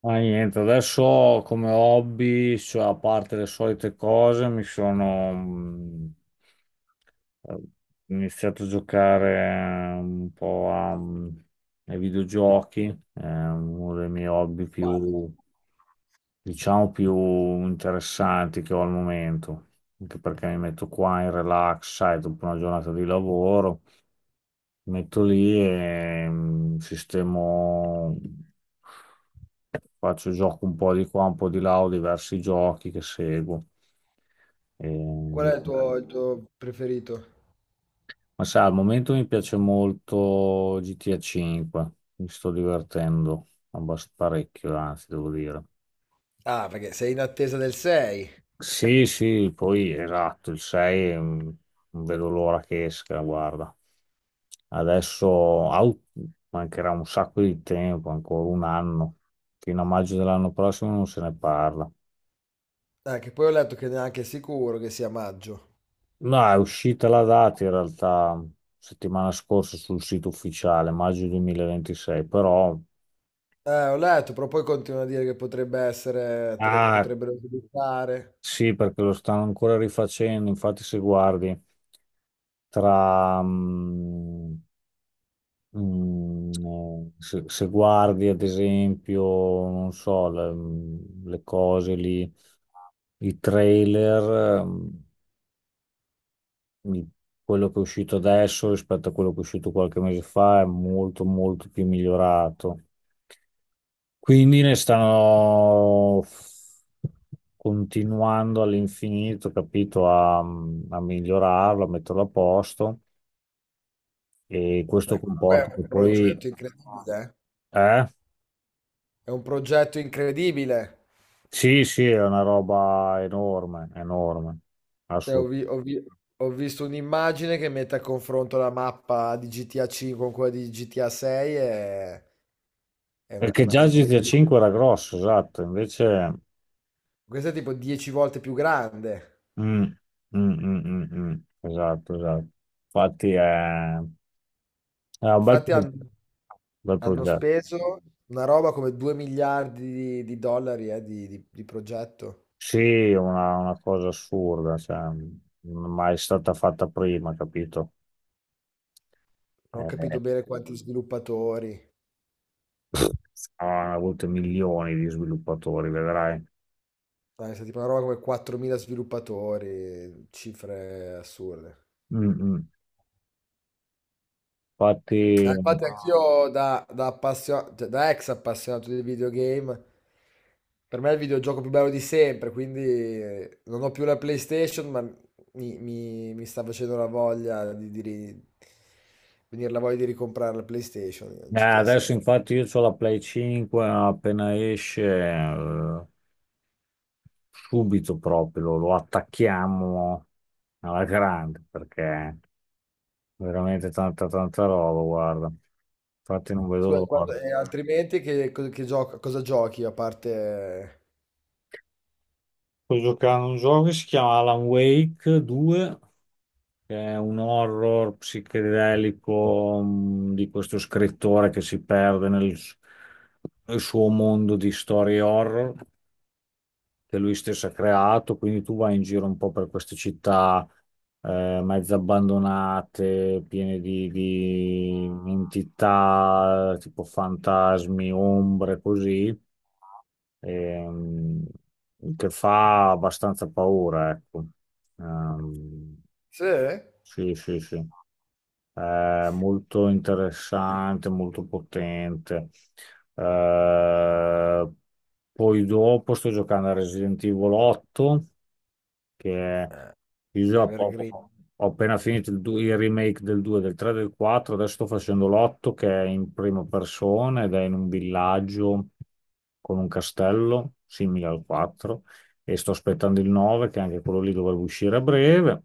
Ma niente, adesso come hobby, cioè, a parte le solite cose, mi sono eh, iniziato a giocare un po' a, ai videogiochi, è uno dei miei hobby più, diciamo, più interessanti che ho al momento, anche perché mi metto qua in relax, sai, dopo una giornata di lavoro, mi metto lì e sistemo faccio gioco un po' di qua, un po' di là, ho diversi giochi che seguo. E Qual è mi- il tuo preferito? Ma sai, al momento mi piace molto GTA 5, mi sto divertendo parecchio, anzi, devo dire. Ah, perché sei in attesa del 6. Sì, sì, poi esatto, il 6 non vedo l'ora che esca, guarda. Adesso mancherà un sacco di tempo, ancora un anno. Fino a maggio dell'anno prossimo non se ne parla. Ah, che poi ho letto che neanche è sicuro che sia maggio. No, è uscita la data in realtà settimana scorsa sul sito ufficiale, maggio 2026, però. Ho letto, però poi continua a dire che potrebbe essere, Ah, potrebbero sviluppare. sì, perché lo stanno ancora rifacendo, infatti se guardi tra... mm, se guardi ad esempio, non so, le, le cose lì, i trailer, i- quello che è uscito adesso rispetto a quello che è uscito qualche mese fa è molto molto più migliorato. Quindi ne stanno continuando all'infinito, capito, a migliorarlo, a metterlo a posto e questo Beh, comunque comporta è un che poi. progetto incredibile, eh. Eh? È un progetto incredibile. Sì, sì, è una roba enorme, enorme, Cioè, ho, assolutamente. vi- ho vi- ho visto un'immagine che mette a confronto la mappa di GTA 5 con quella di GTA 6, e è una, è Perché una già cosa come... GTA 5 era grosso, esatto, invece. Questa è tipo 10 volte più grande. Mm, mm, mm, mm, mm, esatto, esatto. Infatti è un Infatti han bel hanno progetto. speso una roba come 2 miliardi di dollari di progetto. Sì, una cosa assurda, cioè, non è mai stata fatta prima, capito? Non ho Eh, capito bene quanti sviluppatori. hanno avuto milioni di sviluppatori, vedrai. Dai, è stata tipo una roba come 4.000 sviluppatori, cifre assurde. Mm, mm. Ah, Infatti, infatti anch'io cioè, da ex appassionato di videogame, per me è il videogioco più bello di sempre, quindi non ho più la PlayStation, ma mi sta facendo la voglia di venire la voglia di ricomprare la PlayStation, il GTA adesso 6. infatti io ho la Play 5, appena esce, eh, subito proprio lo attacchiamo alla grande, perché veramente tanta tanta roba, guarda. Infatti non vedo Scusa, l'ora. e altrimenti che, co- che gioco- cosa giochi a parte... Sto giocando a un gioco che si chiama Alan Wake 2. Che è un horror psichedelico di questo scrittore che si perde nel suo mondo di storie horror che lui stesso ha creato. Quindi tu vai in giro un po' per queste città mezze abbandonate, piene di entità tipo fantasmi, ombre, così, ehm, che fa abbastanza paura, ecco. Ehm, Sì? Sì, sì, sì. Molto interessante, molto potente. Eh, poi dopo sto giocando a Resident Evil 8, che è- io già ho, Evergreen. ho appena finito il remake del 2, del 3, del 4, adesso sto facendo l'8 che è in prima persona ed è in un villaggio con un castello simile al 4 e sto aspettando il 9 che anche quello lì dovrebbe uscire a breve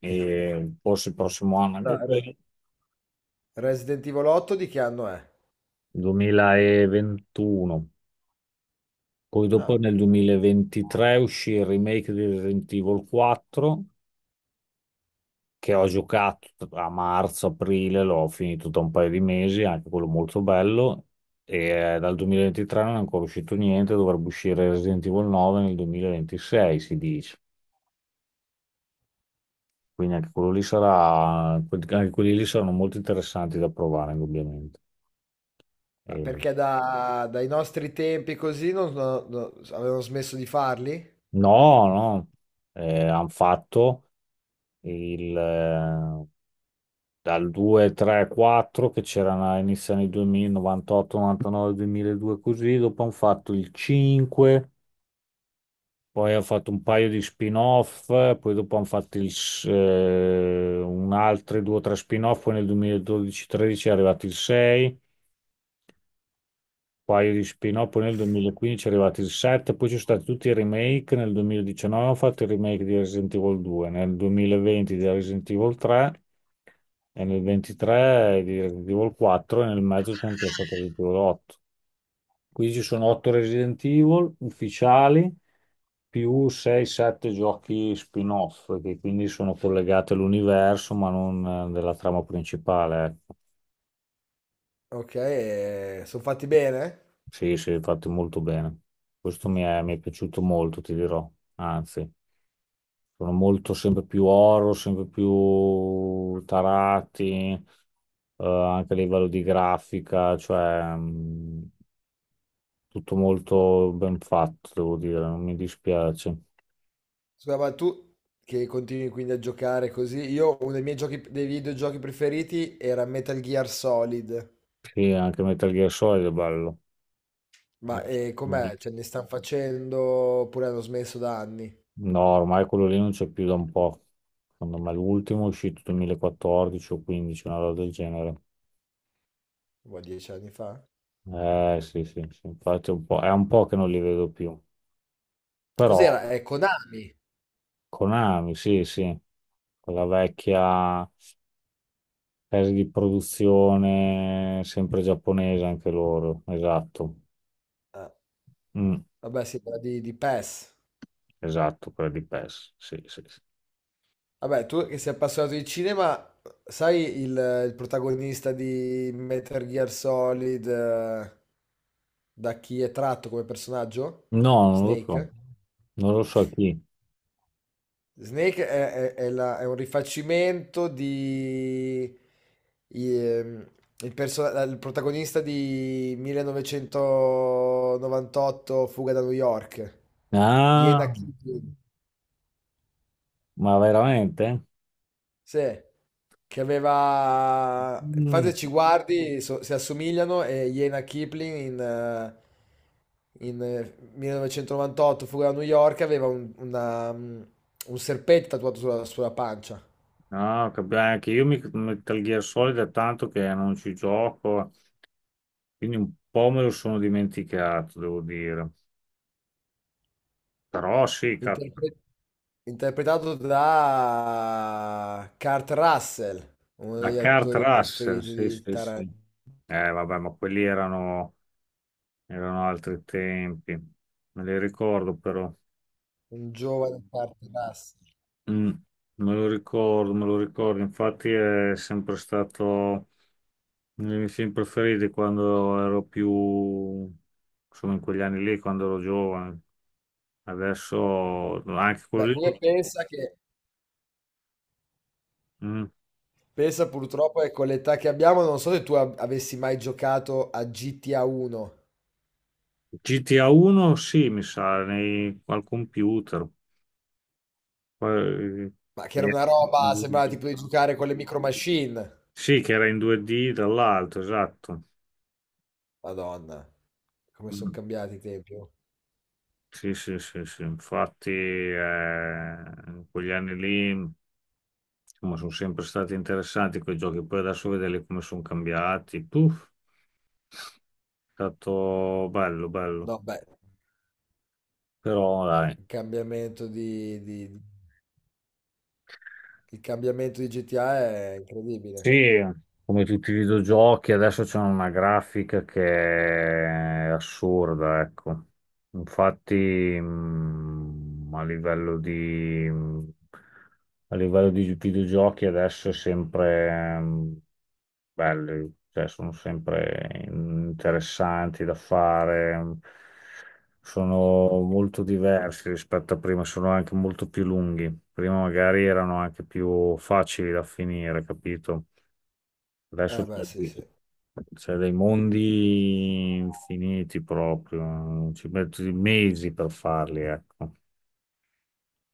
e forse il prossimo anno anche Re- quello. Resident Evil 8 di che anno è? 2021. Poi dopo Ah. nel 2023 uscì il remake di Resident Evil 4 che ho giocato a marzo, aprile, l'ho finito da un paio di mesi, anche quello molto bello. E dal 2023 non è ancora uscito niente, dovrebbe uscire Resident Evil 9 nel 2026, si dice. Quindi anche quello lì sarà, anche quelli lì saranno molto interessanti da provare, indubbiamente. Ma E- perché dai nostri tempi così non avevano smesso di farli? No, no, hanno fatto il, eh, dal 2, 3, 4 che c'erano all'inizio anni 2000, 98, 99, 2002 così, dopo hanno fatto il 5, poi hanno fatto un paio di spin-off, poi dopo hanno fatto un altro 2 o 3 spin-off, poi nel 2012-13 è arrivato il 6, un paio di spin-off, poi nel 2015 è arrivato il 7, poi ci sono stati tutti i remake, nel 2019 hanno fatto il remake di Resident Evil 2, nel 2020 di Resident Evil 3, e nel 23 di Resident Evil 4 e nel mezzo c'è anche stato Resident Evil 8. Quindi ci sono 8 Resident Evil ufficiali più 6-7 giochi spin-off che quindi sono collegati all'universo ma non della trama principale. Ecco. Ok, e sono fatti bene? Sì, sì, fatti molto bene. Questo mi è piaciuto molto, ti dirò. Anzi, sono molto sempre più oro, sempre più tarati, anche a livello di grafica, cioè, tutto molto ben fatto, devo dire, non mi dispiace. Scusa, ma tu che continui quindi a giocare così, io uno dei miei giochi, dei videogiochi preferiti era Metal Gear Solid. Sì, anche Metal Gear Solid è bello. Ma com'è? Cioè, ne stanno facendo oppure hanno smesso da anni? No, ormai quello lì non c'è più da un po'. Secondo me l'ultimo è uscito 2014 o 2015, una roba del genere. Boh, 10 anni fa? Eh sì, sì, sì, infatti è un po' che non li vedo più. Però. Cos'era? È Konami. Konami, sì, sì, quella vecchia casa di produzione sempre giapponese anche loro, esatto. Ah, Mm, vabbè, sì, era di PES. esatto, quella di PES, sì, sì, sì. Vabbè, tu che sei appassionato di cinema, sai il protagonista di Metal Gear Solid, da chi è tratto come personaggio? No, Snake? non lo so chi. Snake è un rifacimento di... ehm, il protagonista di 1998 Fuga da New York, Ah, Iena Kid. ma veramente? Sì, che aveva... Infatti Mm. se ci guardi, si assomigliano, e Jena Kipling in 1998, Fuga da New York, aveva un serpente tatuato sulla pancia. No, anche io mi Metal Gear Solid è tanto che non ci gioco, quindi un po' me lo sono dimenticato, devo dire. Però sì, Interpre- Interpretato da Kurt Russell, uno da degli Kurt attori Russell, preferiti sì, di sì, sì. Tarantino, Vabbè, ma quelli erano altri tempi, me li ricordo però. un giovane Kurt Russell. Mm, me lo ricordo, infatti è sempre stato. I miei film preferiti quando ero più, insomma, in quegli anni lì, quando ero giovane. Adesso anche quello Beh, come lì. pensa che... Mm. Pensa purtroppo che con l'età che abbiamo, non so se tu avessi mai giocato a GTA 1, GTA 1, sì, mi sa, al computer. Poi- ma che che era era una in roba, sembrava 2D. tipo di giocare con le micro machine. Sì, che era in 2D dall'alto, esatto. Madonna, come sono Mm. cambiati i tempi. Oh. Sì, sì, sì, sì. Infatti, in quegli anni lì, insomma, sono sempre stati interessanti quei giochi. Poi adesso vederli come sono cambiati. Puff. È stato bello, bello. No, beh, Però, dai. il cambiamento di, di- di- il cambiamento di GTA è incredibile. Sì, come tutti i videogiochi, adesso c'è una grafica che è assurda, ecco. Infatti, mh, a livello di, a livello di videogiochi adesso è sempre belli, cioè sono sempre interessanti da fare, sono molto diversi rispetto a prima, sono anche molto più lunghi. Prima magari erano anche più facili da finire, capito? Adesso Eh beh, sì, sì. c'è dei mondi infiniti proprio, ci metti mesi per farli, ecco.